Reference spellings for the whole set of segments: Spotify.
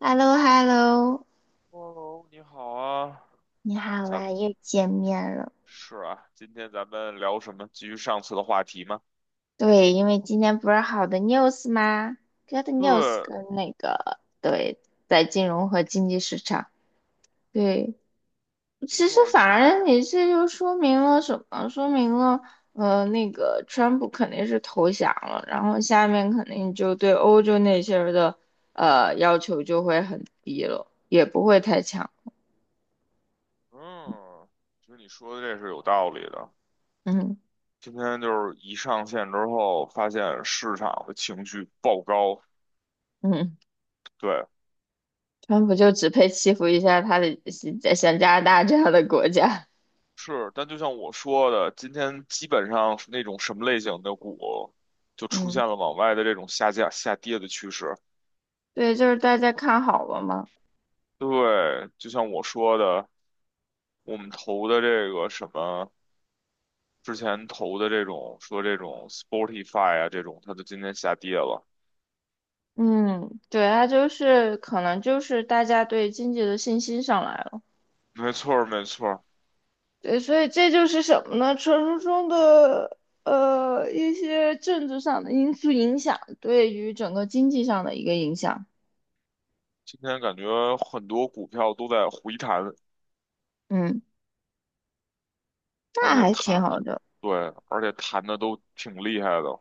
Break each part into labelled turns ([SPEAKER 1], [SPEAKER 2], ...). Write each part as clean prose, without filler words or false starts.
[SPEAKER 1] h e l l o h e l l o
[SPEAKER 2] Hello，你好啊，
[SPEAKER 1] 你好
[SPEAKER 2] 咱
[SPEAKER 1] 啊，
[SPEAKER 2] 们，
[SPEAKER 1] 又见面了。
[SPEAKER 2] 今天咱们聊什么？继续上次的话题吗？
[SPEAKER 1] 对，因为今天不是好的 news 吗？Good news
[SPEAKER 2] 对，
[SPEAKER 1] 跟那个在金融和经济市场。对，
[SPEAKER 2] 没
[SPEAKER 1] 其
[SPEAKER 2] 错
[SPEAKER 1] 实
[SPEAKER 2] 儿，
[SPEAKER 1] 反而你这就说明了什么？说明了，那个川普肯定是投降了，然后下面肯定就对欧洲那些人的要求就会很低了，也不会太强。
[SPEAKER 2] 嗯，其实你说的这是有道理的。
[SPEAKER 1] 嗯
[SPEAKER 2] 今天就是一上线之后，发现市场的情绪爆高，
[SPEAKER 1] 嗯，
[SPEAKER 2] 对，
[SPEAKER 1] 川普就只配欺负一下他的像加拿大这样的国家。
[SPEAKER 2] 是。但就像我说的，今天基本上是那种什么类型的股，就出
[SPEAKER 1] 嗯
[SPEAKER 2] 现了往外的这种下降、下跌的趋势。
[SPEAKER 1] 对，就是大家看好了嘛。
[SPEAKER 2] 对，就像我说的，我们投的这个什么。之前投的这种说这种 Spotify 啊这种，它就今天下跌了。
[SPEAKER 1] 嗯，对，它就是可能就是大家对经济的信心上来了，
[SPEAKER 2] 没错儿，没错儿，
[SPEAKER 1] 对，所以这就是什么呢？传说中的一些政治上的因素影响对于整个经济上的一个影响，
[SPEAKER 2] 今天感觉很多股票都在回弹，
[SPEAKER 1] 嗯，
[SPEAKER 2] 而
[SPEAKER 1] 那
[SPEAKER 2] 且
[SPEAKER 1] 还挺
[SPEAKER 2] 弹，
[SPEAKER 1] 好的，
[SPEAKER 2] 对，而且弹的都挺厉害的，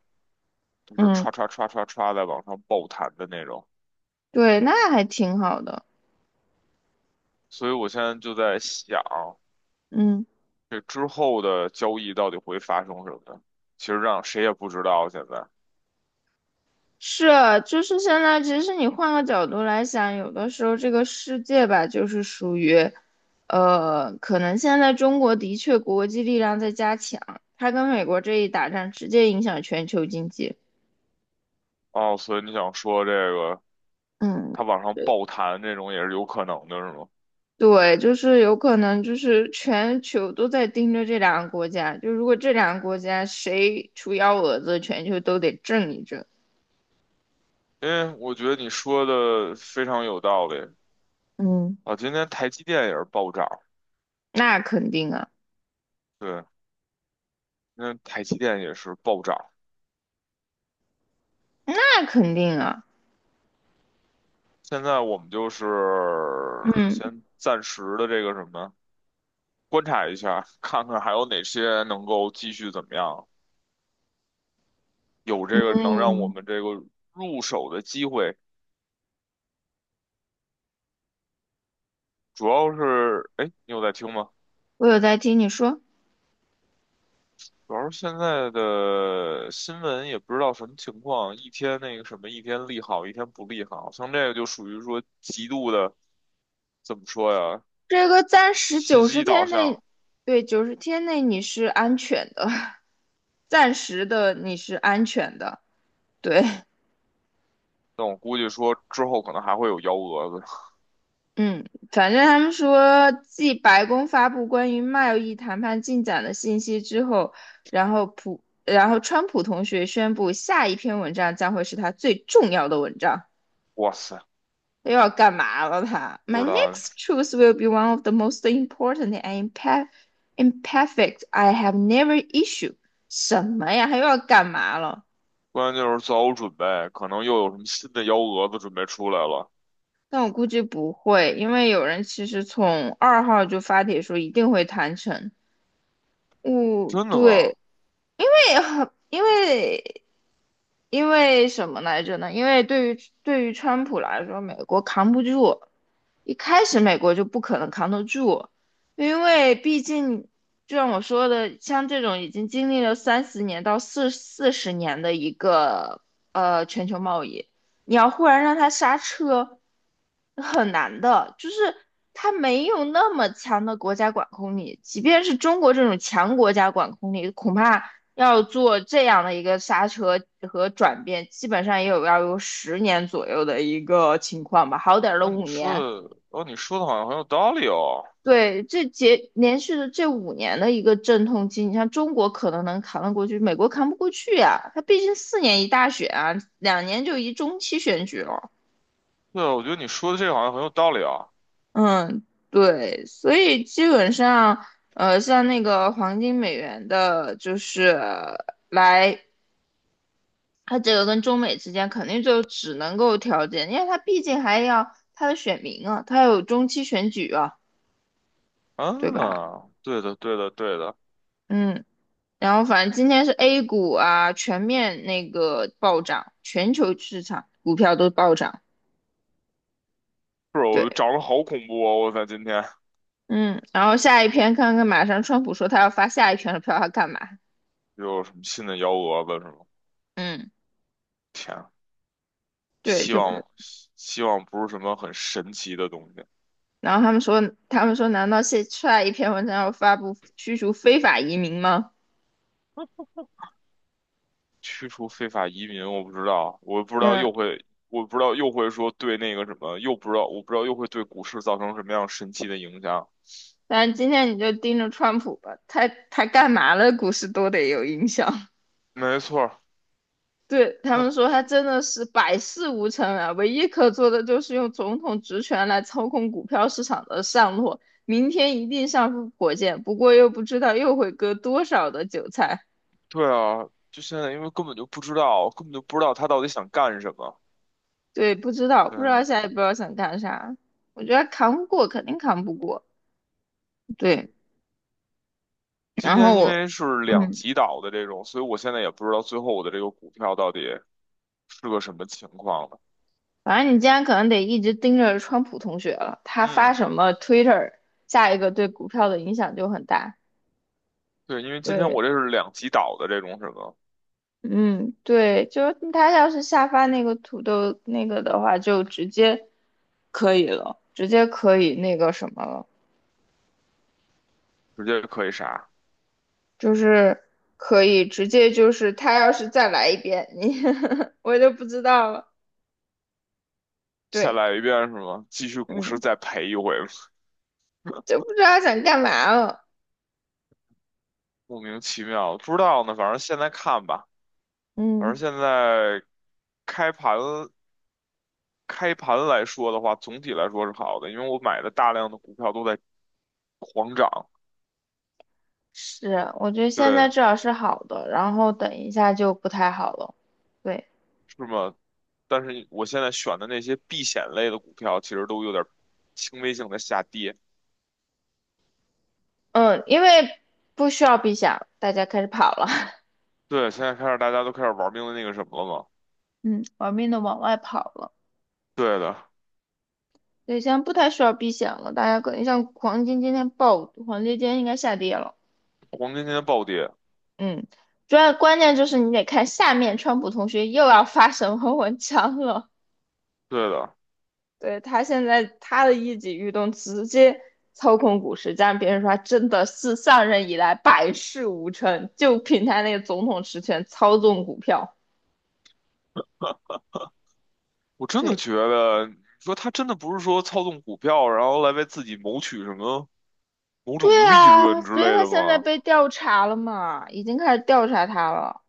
[SPEAKER 2] 就是
[SPEAKER 1] 嗯
[SPEAKER 2] 歘歘歘歘歘在往上爆弹的那种。
[SPEAKER 1] 对，那还挺好的，
[SPEAKER 2] 所以我现在就在想，
[SPEAKER 1] 嗯。
[SPEAKER 2] 这之后的交易到底会发生什么？其实让谁也不知道现在。
[SPEAKER 1] 是，就是现在，其实你换个角度来想，有的时候这个世界吧，就是属于，可能现在中国的确国际力量在加强，它跟美国这一打仗，直接影响全球经济。
[SPEAKER 2] 哦，所以你想说这个
[SPEAKER 1] 嗯，
[SPEAKER 2] 它往上爆弹这种也是有可能的，是吗？
[SPEAKER 1] 对，就是有可能就是全球都在盯着这两个国家，就如果这两个国家谁出幺蛾子，全球都得震一震。
[SPEAKER 2] 嗯，我觉得你说的非常有道理
[SPEAKER 1] 嗯，
[SPEAKER 2] 啊。今天台积电也是暴涨，
[SPEAKER 1] 那肯定啊，
[SPEAKER 2] 对，今天台积电也是暴涨。
[SPEAKER 1] 那肯定啊。
[SPEAKER 2] 现在我们就是
[SPEAKER 1] 嗯
[SPEAKER 2] 先暂时的这个什么，观察一下，看看还有哪些能够继续怎么样，有这个能让我
[SPEAKER 1] 嗯，
[SPEAKER 2] 们这个入手的机会。主要是，哎，你有在听吗？
[SPEAKER 1] 我有在听你说。
[SPEAKER 2] 主要是现在的新闻也不知道什么情况，一天那个什么，一天利好，一天不利好，像这个就属于说极度的。怎么说呀？
[SPEAKER 1] 这个暂时
[SPEAKER 2] 信
[SPEAKER 1] 九十
[SPEAKER 2] 息导
[SPEAKER 1] 天内，
[SPEAKER 2] 向，
[SPEAKER 1] 对，九十天内你是安全的，暂时的你是安全的。对，
[SPEAKER 2] 但我估计说之后可能还会有幺蛾子。
[SPEAKER 1] 嗯，反正他们说，继白宫发布关于贸易谈判进展的信息之后，然后川普同学宣布，下一篇文章将会是他最重要的文章。
[SPEAKER 2] 哇塞，
[SPEAKER 1] 又要干嘛了他？他
[SPEAKER 2] 不
[SPEAKER 1] ，My
[SPEAKER 2] 知道，
[SPEAKER 1] next truth will be one of the most important and imperfect I have never issued。什么呀？他又要干嘛了？
[SPEAKER 2] 关键就是做好准备，可能又有什么新的幺蛾子准备出来了。
[SPEAKER 1] 但我估计不会，因为有人其实从2号就发帖说一定会谈成。哦，
[SPEAKER 2] 真的吗？
[SPEAKER 1] 对，对因为因为什么来着呢？因为对于川普来说，美国扛不住，一开始美国就不可能扛得住，因为毕竟就像我说的，像这种已经经历了30年到四十年的一个全球贸易，你要忽然让它刹车，很难的，就是它没有那么强的国家管控力，即便是中国这种强国家管控力，恐怕要做这样的一个刹车和转变，基本上也有要有十年左右的一个情况吧，好点儿的
[SPEAKER 2] 哦，你
[SPEAKER 1] 五
[SPEAKER 2] 说
[SPEAKER 1] 年。
[SPEAKER 2] 的，哦，你说的好像很有道理哦。
[SPEAKER 1] 对，这节连续的这五年的一个阵痛期，你像中国可能能扛得过去，美国扛不过去呀、它毕竟4年一大选啊，2年就一中期选举了。
[SPEAKER 2] 对啊，我觉得你说的这个好像很有道理啊。
[SPEAKER 1] 嗯，对，所以基本上，像那个黄金美元的，就是来他这个跟中美之间肯定就只能够调解，因为他毕竟还要他的选民啊，他有中期选举啊，对吧？
[SPEAKER 2] 啊，对的，对的，对的。
[SPEAKER 1] 嗯，然后反正今天是 A 股啊，全面那个暴涨，全球市场股票都暴涨。
[SPEAKER 2] 是，我
[SPEAKER 1] 对，
[SPEAKER 2] 长得好恐怖哦！我在今天
[SPEAKER 1] 嗯，然后下一篇看看，马上川普说他要发下一篇的票，他干嘛？
[SPEAKER 2] 又有什么新的幺蛾子是吗？
[SPEAKER 1] 嗯，
[SPEAKER 2] 天啊，
[SPEAKER 1] 对，
[SPEAKER 2] 希
[SPEAKER 1] 就不是。
[SPEAKER 2] 望希望不是什么很神奇的东西。
[SPEAKER 1] 然后他们说，难道下下一篇文章要发布驱逐非法移民吗？
[SPEAKER 2] 驱除非法移民，我不知道，我不知道
[SPEAKER 1] 嗯。
[SPEAKER 2] 又会，我不知道又会说对那个什么，又不知道，我不知道又会对股市造成什么样神奇的影响。
[SPEAKER 1] 但是今天你就盯着川普吧，他干嘛了，股市都得有影响。
[SPEAKER 2] 没错儿，
[SPEAKER 1] 对他
[SPEAKER 2] 他，
[SPEAKER 1] 们说，他真的是百事无成啊，唯一可做的就是用总统职权来操控股票市场的上落。明天一定上升火箭，不过又不知道又会割多少的韭菜。
[SPEAKER 2] 对啊，就现在，因为根本就不知道，根本就不知道他到底想干什么。
[SPEAKER 1] 对，不知道，
[SPEAKER 2] 对
[SPEAKER 1] 不知道
[SPEAKER 2] 啊，
[SPEAKER 1] 下一步要想干啥。我觉得扛不过，肯定扛不过。对，
[SPEAKER 2] 今
[SPEAKER 1] 然后
[SPEAKER 2] 天因
[SPEAKER 1] 我，
[SPEAKER 2] 为是两
[SPEAKER 1] 嗯。
[SPEAKER 2] 极倒的这种，所以我现在也不知道最后我的这个股票到底是个什么情况了。
[SPEAKER 1] 反正你今天可能得一直盯着川普同学了，他发
[SPEAKER 2] 嗯，
[SPEAKER 1] 什么 Twitter，下一个对股票的影响就很大。
[SPEAKER 2] 对，因为今天
[SPEAKER 1] 对，
[SPEAKER 2] 我这是两极倒的这种什么，
[SPEAKER 1] 嗯，对，就是他要是下发那个土豆那个的话，就直接可以了，直接可以那个什么了，
[SPEAKER 2] 直接可以啥，
[SPEAKER 1] 就是可以直接就是他要是再来一遍，你 我就不知道了。
[SPEAKER 2] 再
[SPEAKER 1] 对，
[SPEAKER 2] 来一遍是吗？继续股市
[SPEAKER 1] 嗯，
[SPEAKER 2] 再赔一回。
[SPEAKER 1] 就不知道想干嘛了。
[SPEAKER 2] 莫名其妙，不知道呢。反正现在看吧，反正
[SPEAKER 1] 嗯。
[SPEAKER 2] 现在开盘开盘来说的话，总体来说是好的，因为我买的大量的股票都在狂涨，
[SPEAKER 1] 是，我觉得现在
[SPEAKER 2] 对，
[SPEAKER 1] 至少是好的，然后等一下就不太好了。对，
[SPEAKER 2] 是吗？但是我现在选的那些避险类的股票，其实都有点轻微性的下跌。
[SPEAKER 1] 嗯，因为不需要避险，大家开始跑了。
[SPEAKER 2] 对，现在开始大家都开始玩命的那个什么了嘛？
[SPEAKER 1] 嗯，玩命的往外跑了。
[SPEAKER 2] 对的，
[SPEAKER 1] 对，现在不太需要避险了，大家可能像黄金今天爆，黄金今天应该下跌了。
[SPEAKER 2] 黄金今天暴跌，
[SPEAKER 1] 嗯，主要关键就是你得看下面川普同学又要发什么文章了。
[SPEAKER 2] 对的，
[SPEAKER 1] 对，他现在他的一举一动直接操控股市，加上别人说他真的是上任以来百事无成，就凭他那个总统实权操纵股票。
[SPEAKER 2] 我真的
[SPEAKER 1] 对，
[SPEAKER 2] 觉得，你说他真的不是说操纵股票，然后来为自己谋取什么？某种
[SPEAKER 1] 对
[SPEAKER 2] 利
[SPEAKER 1] 啊，
[SPEAKER 2] 润之
[SPEAKER 1] 所以
[SPEAKER 2] 类
[SPEAKER 1] 他
[SPEAKER 2] 的
[SPEAKER 1] 现在
[SPEAKER 2] 吗？
[SPEAKER 1] 被调查了嘛，已经开始调查他了，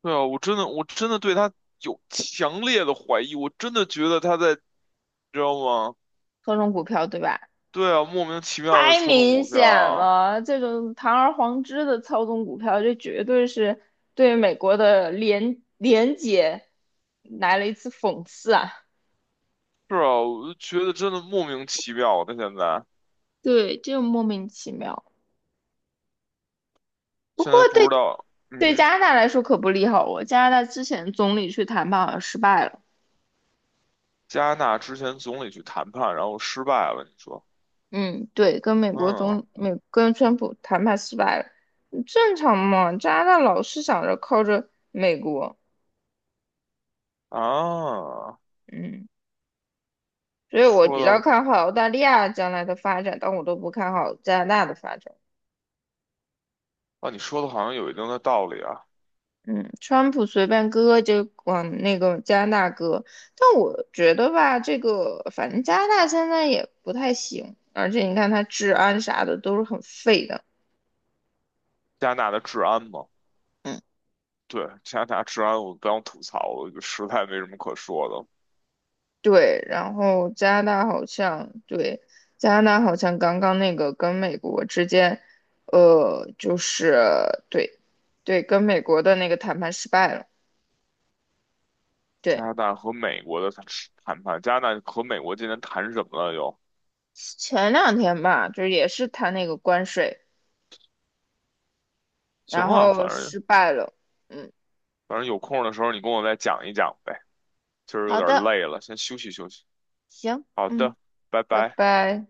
[SPEAKER 2] 对啊，我真的我真的对他有强烈的怀疑，我真的觉得他在，你知道吗？
[SPEAKER 1] 操纵股票，对吧？
[SPEAKER 2] 对啊，莫名其妙的
[SPEAKER 1] 太
[SPEAKER 2] 操纵
[SPEAKER 1] 明
[SPEAKER 2] 股票
[SPEAKER 1] 显
[SPEAKER 2] 啊。
[SPEAKER 1] 了，这种堂而皇之的操纵股票，这绝对是对美国的廉洁来了一次讽刺啊！
[SPEAKER 2] 是啊，我就觉得真的莫名其妙的。现在
[SPEAKER 1] 对，就莫名其妙。不过
[SPEAKER 2] 现在不知
[SPEAKER 1] 对
[SPEAKER 2] 道，嗯
[SPEAKER 1] 对
[SPEAKER 2] 哼，
[SPEAKER 1] 加拿大来说可不利好哦，加拿大之前总理去谈判好像失败了。
[SPEAKER 2] 加拿大之前总理去谈判，然后失败了，你说，
[SPEAKER 1] 嗯，对，跟美国
[SPEAKER 2] 嗯，
[SPEAKER 1] 总美跟川普谈判失败了，正常嘛。加拿大老是想着靠着美国，
[SPEAKER 2] 啊，
[SPEAKER 1] 嗯，所以我
[SPEAKER 2] 说
[SPEAKER 1] 比较
[SPEAKER 2] 的
[SPEAKER 1] 看好澳大利亚将来的发展，但我都不看好加拿大的发展。
[SPEAKER 2] 啊，你说的好像有一定的道理啊。
[SPEAKER 1] 嗯，川普随便割就往那个加拿大割，但我觉得吧，这个反正加拿大现在也不太行，而且你看它治安啥的都是很废的。
[SPEAKER 2] 加拿大的治安嘛，
[SPEAKER 1] 嗯，
[SPEAKER 2] 对，加拿大治安我不想吐槽了，就实在没什么可说的。
[SPEAKER 1] 对，然后加拿大好像刚刚那个跟美国之间，就是对，对，跟美国的那个谈判失败了。
[SPEAKER 2] 加
[SPEAKER 1] 对，
[SPEAKER 2] 拿大和美国的谈判加拿大和美国今天谈什么了又？
[SPEAKER 1] 前两天吧，就是也是谈那个关税，
[SPEAKER 2] 行
[SPEAKER 1] 然
[SPEAKER 2] 啊，反
[SPEAKER 1] 后
[SPEAKER 2] 正
[SPEAKER 1] 失败了。嗯，
[SPEAKER 2] 反正有空的时候你跟我再讲一讲呗。今儿有
[SPEAKER 1] 好
[SPEAKER 2] 点
[SPEAKER 1] 的，
[SPEAKER 2] 累了，先休息休息。
[SPEAKER 1] 行，
[SPEAKER 2] 好
[SPEAKER 1] 嗯，
[SPEAKER 2] 的，拜
[SPEAKER 1] 拜
[SPEAKER 2] 拜。
[SPEAKER 1] 拜。